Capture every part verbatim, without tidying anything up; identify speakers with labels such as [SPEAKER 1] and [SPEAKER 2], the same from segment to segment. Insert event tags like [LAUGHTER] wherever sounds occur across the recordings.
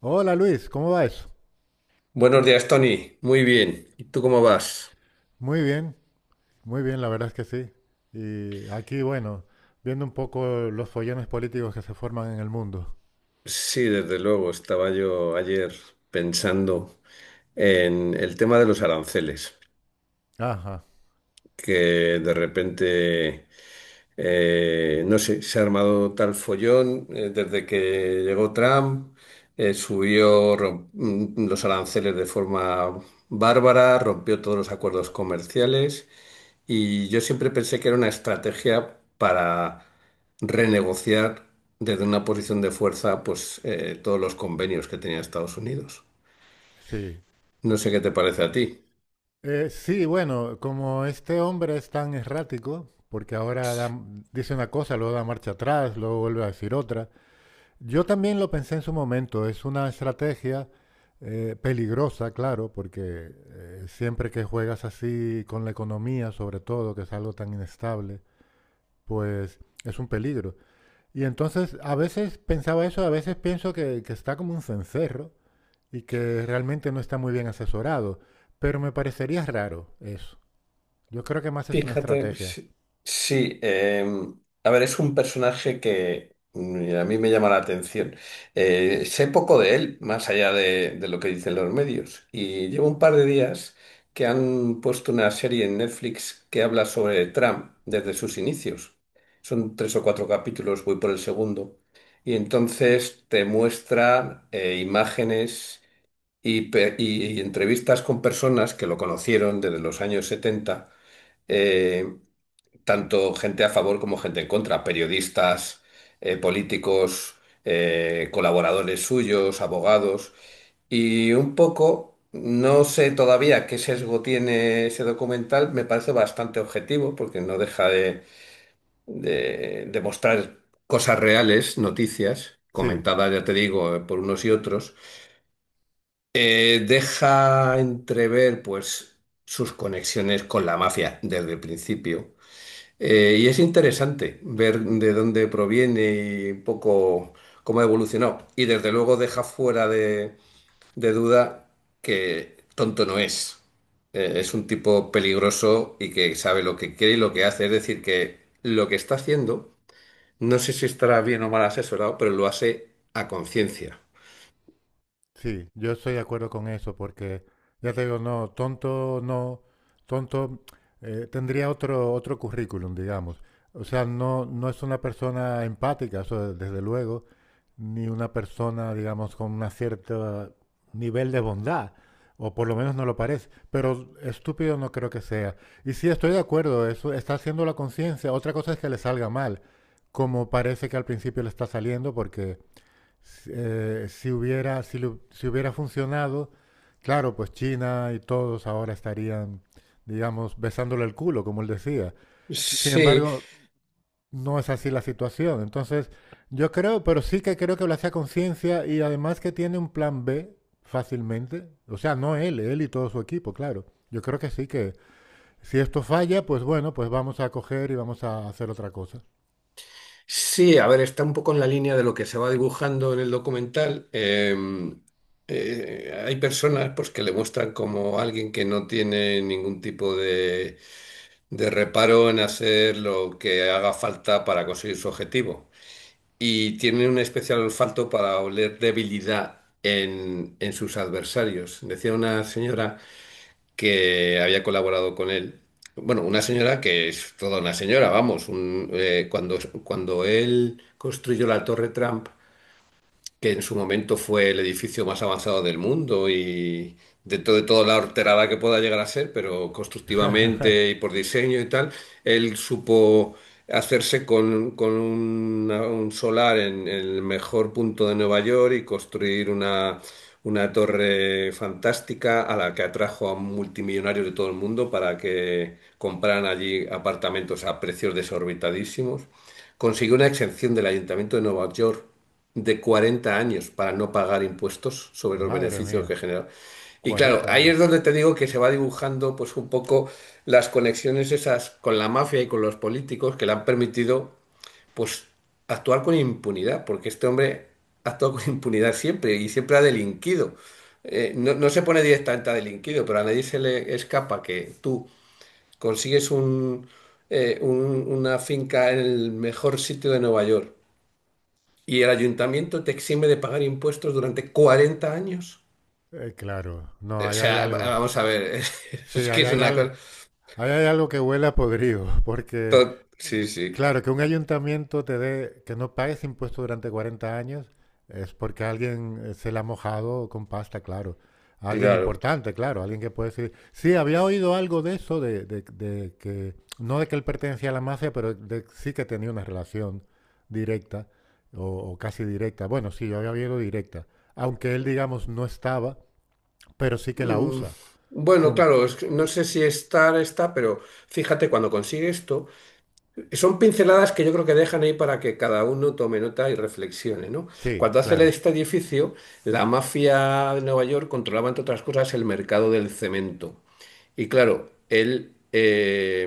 [SPEAKER 1] Hola Luis, ¿cómo va eso?
[SPEAKER 2] Buenos días, Tony. Muy bien. ¿Y tú cómo vas?
[SPEAKER 1] Muy bien, muy bien, la verdad es que sí. Y aquí, bueno, viendo un poco los follones políticos que se forman en el mundo.
[SPEAKER 2] Sí, desde luego. Estaba yo ayer pensando en el tema de los aranceles,
[SPEAKER 1] Ajá,
[SPEAKER 2] que de repente, eh, no sé, se ha armado tal follón eh, desde que llegó Trump. eh, subió rom- mm, los aranceles de forma bárbara, rompió todos los acuerdos comerciales. Y yo siempre pensé que era una estrategia para renegociar desde una posición de fuerza, pues eh, todos los convenios que tenía Estados Unidos.
[SPEAKER 1] sí.
[SPEAKER 2] No sé qué te parece a ti.
[SPEAKER 1] Eh, sí, bueno, como este hombre es tan errático, porque ahora da- dice una cosa, luego da marcha atrás, luego vuelve a decir otra. Yo también lo pensé en su momento, es una estrategia eh, peligrosa, claro, porque eh, siempre que juegas así con la economía, sobre todo, que es algo tan inestable pues es un peligro. Y entonces a veces pensaba eso, a veces pienso que, que está como un cencerro y que realmente no está muy bien asesorado, pero me parecería raro eso. Yo creo que más es una
[SPEAKER 2] Fíjate,
[SPEAKER 1] estrategia.
[SPEAKER 2] sí, sí, em, a ver, es un personaje que mm, a mí me llama la atención. Eh, sé poco de él, más allá de, de lo que dicen los medios, y llevo un par de días que han puesto una serie en Netflix que habla sobre Trump desde sus inicios. Son tres o cuatro capítulos, voy por el segundo, y entonces te muestran eh, imágenes y, pe- y y entrevistas con personas que lo conocieron desde los años setenta, eh, tanto gente a favor como gente en contra, periodistas, eh, políticos, eh, colaboradores suyos, abogados. Y un poco, no sé todavía qué sesgo tiene ese documental, me parece bastante objetivo porque no deja de, de, de mostrar cosas reales, noticias,
[SPEAKER 1] Sí,
[SPEAKER 2] comentadas, ya te digo, por unos y otros. Eh, deja entrever, pues, sus conexiones con la mafia desde el principio, eh, y es interesante ver de dónde proviene y un poco cómo ha evolucionado. Y desde luego deja fuera de, de duda que tonto no es. Eh, es un tipo peligroso y que sabe lo que quiere y lo que hace. Es decir, que lo que está haciendo, no sé si estará bien o mal asesorado, pero lo hace a conciencia.
[SPEAKER 1] sí, yo estoy de acuerdo con eso porque ya te digo, no, tonto, no, tonto eh, tendría otro, otro currículum, digamos. O sea, no, no es una persona empática, eso desde luego, ni una persona, digamos, con un cierto nivel de bondad, o por lo menos no lo parece, pero estúpido no creo que sea. Y sí, estoy de acuerdo, eso está haciendo la conciencia, otra cosa es que le salga mal, como parece que al principio le está saliendo, porque eh, si, hubiera, si, lo- si hubiera funcionado, claro, pues China y todos ahora estarían, digamos, besándole el culo, como él decía. Sin
[SPEAKER 2] Sí.
[SPEAKER 1] embargo, no es así la situación. Entonces, yo creo, pero sí que creo que lo hace a conciencia y además que tiene un plan B fácilmente. O sea, no él, él y todo su equipo, claro. Yo creo que sí que si esto falla, pues bueno, pues vamos a coger y vamos a hacer otra cosa.
[SPEAKER 2] Sí, a ver, está un poco en la línea de lo que se va dibujando en el documental. Eh, eh, hay personas pues, que le muestran como alguien que no tiene ningún tipo de, de reparo en hacer lo que haga falta para conseguir su objetivo. Y tiene un especial olfato para oler debilidad en, en sus adversarios. Decía una señora que había colaborado con él. Bueno, una señora que es toda una señora, vamos, un- eh, cuando, cuando él construyó la Torre Trump, que en su momento fue el edificio más avanzado del mundo y dentro de toda la horterada que pueda llegar a ser, pero constructivamente y por diseño y tal, él supo hacerse con, con una- un solar en el mejor punto de Nueva York y construir una, una torre fantástica a la que atrajo a multimillonarios de todo el mundo para que compraran allí apartamentos a precios desorbitadísimos. Consiguió una exención del Ayuntamiento de Nueva York de cuarenta años para no pagar impuestos sobre los
[SPEAKER 1] Madre
[SPEAKER 2] beneficios
[SPEAKER 1] mía,
[SPEAKER 2] que generaba. Y claro,
[SPEAKER 1] cuarenta
[SPEAKER 2] ahí
[SPEAKER 1] años.
[SPEAKER 2] es donde te digo que se va dibujando pues un poco las conexiones esas con la mafia y con los políticos que le han permitido pues actuar con impunidad, porque este hombre ha actuado con impunidad siempre y siempre ha delinquido. Eh, no, no se pone directamente a delinquido, pero a nadie se le escapa que tú consigues un, eh, un- una finca en el mejor sitio de Nueva York y el ayuntamiento te exime de pagar impuestos durante cuarenta años.
[SPEAKER 1] Eh, claro, no,
[SPEAKER 2] O
[SPEAKER 1] ahí hay
[SPEAKER 2] sea, va-
[SPEAKER 1] algo.
[SPEAKER 2] vamos a ver, [LAUGHS]
[SPEAKER 1] Sí,
[SPEAKER 2] es que
[SPEAKER 1] ahí
[SPEAKER 2] es
[SPEAKER 1] hay
[SPEAKER 2] una
[SPEAKER 1] algo,
[SPEAKER 2] cosa...
[SPEAKER 1] ahí hay algo que huele a podrido, [LAUGHS] porque.
[SPEAKER 2] to- Sí, sí,
[SPEAKER 1] Claro, que un ayuntamiento te dé, que no pagues impuestos durante cuarenta años es porque alguien eh, se la ha mojado con pasta, claro. Alguien
[SPEAKER 2] claro.
[SPEAKER 1] importante, claro, alguien que puede decir, sí, había oído algo de eso, de, de- de que, no de que él pertenecía a la mafia, pero de- sí que tenía una relación directa o, o casi directa. Bueno, sí, yo había oído directa, aunque él, digamos, no estaba, pero sí que la
[SPEAKER 2] Mm,
[SPEAKER 1] usa.
[SPEAKER 2] bueno,
[SPEAKER 1] Con...
[SPEAKER 2] claro, es que no sé si estar está, pero fíjate, cuando consigues esto, son pinceladas que yo creo que dejan ahí para que cada uno tome nota y reflexione, ¿no?
[SPEAKER 1] Sí,
[SPEAKER 2] Cuando hace
[SPEAKER 1] claro,
[SPEAKER 2] este edificio, la mafia de Nueva York controlaba, entre otras cosas, el mercado del cemento. Y claro, él, eh,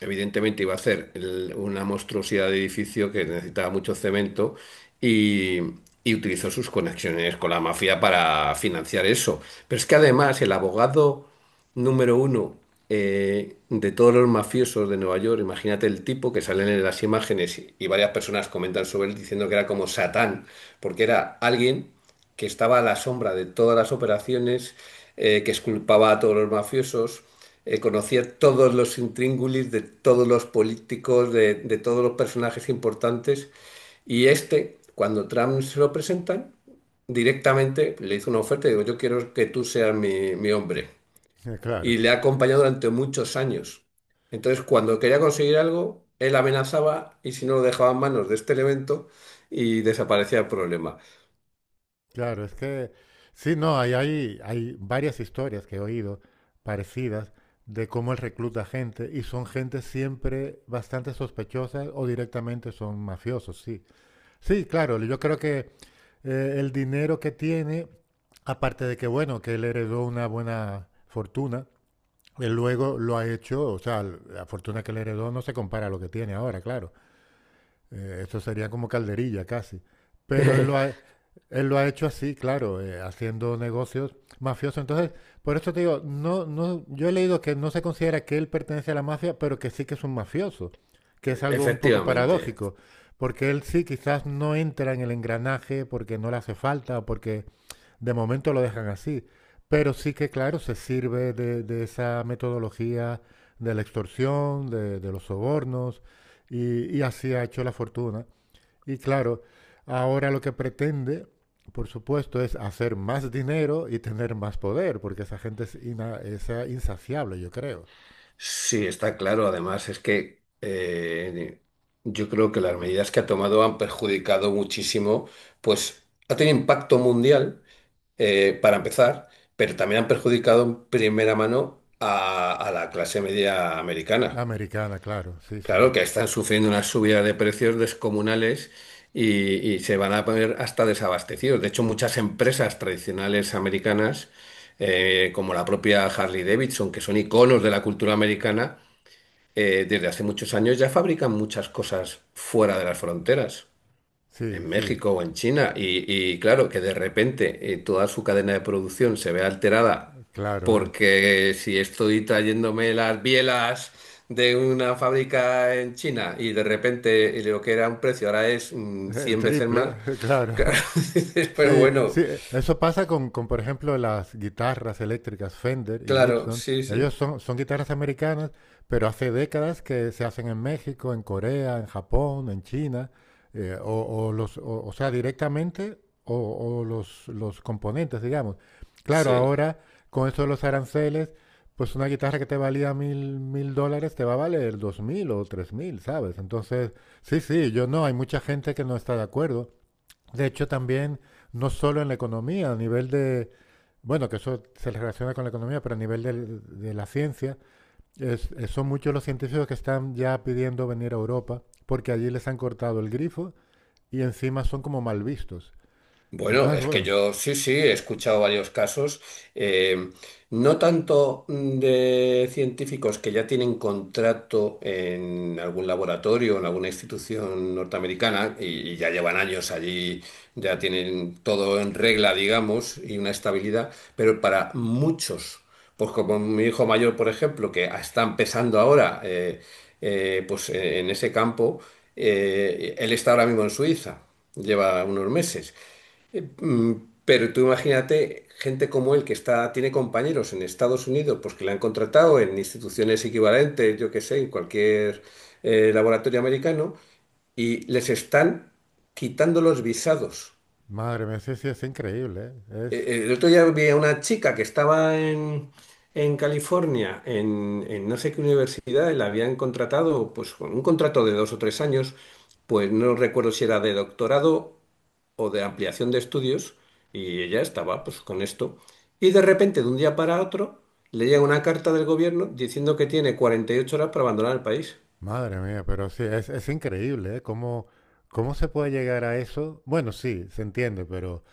[SPEAKER 2] evidentemente iba a ser el- una monstruosidad de edificio que necesitaba mucho cemento y, y utilizó sus conexiones con la mafia para financiar eso. Pero es que además el abogado número uno eh, de todos los mafiosos de Nueva York, imagínate el tipo que salen en las imágenes y, y varias personas comentan sobre él diciendo que era como Satán, porque era alguien que estaba a la sombra de todas las operaciones, eh, que exculpaba a todos los mafiosos, eh, conocía todos los intríngulis de todos los políticos, de, de todos los personajes importantes. Y este, cuando Trump se lo presentan, directamente le hizo una oferta y digo, yo quiero que tú seas mi, mi hombre.
[SPEAKER 1] [LAUGHS] claro.
[SPEAKER 2] Y le ha acompañado durante muchos años. Entonces, cuando quería conseguir algo, él amenazaba y si no lo dejaba en manos de este elemento y desaparecía el problema.
[SPEAKER 1] Claro, es que sí, no, hay, hay, hay varias historias que he oído parecidas de cómo él recluta gente y son gente siempre bastante sospechosa o directamente son mafiosos, sí. Sí, claro, yo creo que eh, el dinero que tiene, aparte de que, bueno, que él heredó una buena fortuna, él luego lo ha hecho, o sea, la fortuna que él heredó no se compara a lo que tiene ahora, claro. Eh, eso sería como calderilla casi. Pero él lo
[SPEAKER 2] [LAUGHS]
[SPEAKER 1] ha, él lo ha hecho así, claro, eh, haciendo negocios mafiosos. Entonces, por eso te digo, no, no, yo he leído que no se considera que él pertenece a la mafia, pero que sí que es un mafioso, que es algo un poco
[SPEAKER 2] Efectivamente,
[SPEAKER 1] paradójico, porque él sí quizás no entra en el engranaje porque no le hace falta, porque de momento lo dejan así, pero sí que, claro, se sirve de, de esa metodología de la extorsión, de, de los sobornos, y, y así ha hecho la fortuna. Y claro, ahora lo que pretende, por supuesto, es hacer más dinero y tener más poder, porque esa gente es, ina- es, eh, insaciable, yo creo.
[SPEAKER 2] sí, está claro. Además, es que eh, yo creo que las medidas que ha tomado han perjudicado muchísimo, pues ha tenido impacto mundial, eh, para empezar, pero también han perjudicado en primera mano a, a la clase media americana.
[SPEAKER 1] Americana, claro, sí, sí,
[SPEAKER 2] Claro que están sufriendo una subida de precios descomunales y, y se van a poner hasta desabastecidos. De hecho, muchas empresas tradicionales americanas, eh, como la propia Harley Davidson, que son iconos de la cultura americana, eh, desde hace muchos años ya fabrican muchas cosas fuera de las fronteras,
[SPEAKER 1] sí,
[SPEAKER 2] en
[SPEAKER 1] sí,
[SPEAKER 2] México o en China. Y, y claro, que de repente eh, toda su cadena de producción se ve alterada
[SPEAKER 1] claro, eh,
[SPEAKER 2] porque si estoy trayéndome las bielas de una fábrica en China y de repente lo que era un precio ahora es mm,
[SPEAKER 1] el
[SPEAKER 2] cien veces más,
[SPEAKER 1] triple, [LAUGHS]
[SPEAKER 2] [LAUGHS]
[SPEAKER 1] claro.
[SPEAKER 2] claro, dices, pero
[SPEAKER 1] Sí,
[SPEAKER 2] bueno,
[SPEAKER 1] sí, eh, eso pasa con, con, por ejemplo, las guitarras eléctricas Fender y
[SPEAKER 2] claro,
[SPEAKER 1] Gibson.
[SPEAKER 2] sí,
[SPEAKER 1] Ellos
[SPEAKER 2] sí,
[SPEAKER 1] son, son guitarras americanas, pero hace décadas que se hacen en México, en Corea, en Japón, en China, eh, o, o los, o, o sea, directamente, o, o los, los componentes, digamos. Claro,
[SPEAKER 2] sí.
[SPEAKER 1] ahora con eso de los aranceles, pues una guitarra que te valía mil, mil dólares te va a valer dos mil o tres mil, ¿sabes? Entonces, sí, sí, yo no, hay mucha gente que no está de acuerdo. De hecho, también, no solo en la economía, a nivel de, bueno, que eso se relaciona con la economía, pero a nivel del- de, la ciencia, es- eh, son muchos los científicos que están ya pidiendo venir a Europa porque allí les han cortado el grifo y encima son como mal vistos.
[SPEAKER 2] Bueno,
[SPEAKER 1] Entonces,
[SPEAKER 2] es que
[SPEAKER 1] bueno,
[SPEAKER 2] yo sí, sí, he escuchado varios casos, eh, no tanto mm, de científicos que ya tienen contrato en algún laboratorio, en alguna institución norteamericana y, y ya llevan años allí, ya tienen todo en regla, digamos, y una estabilidad, pero para muchos, pues como mi hijo mayor, por ejemplo, que está empezando ahora, eh, eh, pues en ese campo, eh, él está ahora mismo en Suiza, lleva unos meses. Eh, mm, Pero tú imagínate gente como él que está, tiene compañeros en Estados Unidos, pues que le han contratado en instituciones equivalentes, yo qué sé, en cualquier eh, laboratorio americano, y les están quitando los visados.
[SPEAKER 1] madre mía, sí, sí, es, increíble, ¿eh?
[SPEAKER 2] Eh,
[SPEAKER 1] Es,
[SPEAKER 2] eh, El otro día vi a una chica que estaba en, en California, en, en no sé qué universidad, y la habían contratado pues con un contrato de dos o tres años, pues no recuerdo si era de doctorado o de ampliación de estudios y ella estaba pues con esto. Y de repente, de un día para otro, le llega una carta del gobierno diciendo que tiene cuarenta y ocho horas para abandonar el país.
[SPEAKER 1] madre mía, pero sí, es, es increíble, ¿eh? ¿Cómo, cómo se puede llegar a eso? Bueno, sí, se entiende, pero,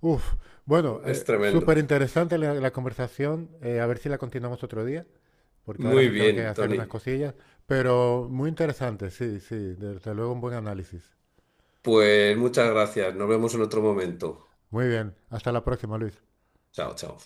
[SPEAKER 1] uff, bueno,
[SPEAKER 2] Es
[SPEAKER 1] eh,
[SPEAKER 2] tremendo.
[SPEAKER 1] súper interesante la, la conversación, eh, a ver si la continuamos otro día. Porque ahora
[SPEAKER 2] Muy
[SPEAKER 1] me tengo que
[SPEAKER 2] bien,
[SPEAKER 1] hacer unas
[SPEAKER 2] Tony.
[SPEAKER 1] cosillas, pero muy interesante, sí, sí, desde luego un buen análisis.
[SPEAKER 2] Pues muchas gracias. Nos vemos en otro momento.
[SPEAKER 1] Muy bien, hasta la próxima, Luis.
[SPEAKER 2] Chao, chao.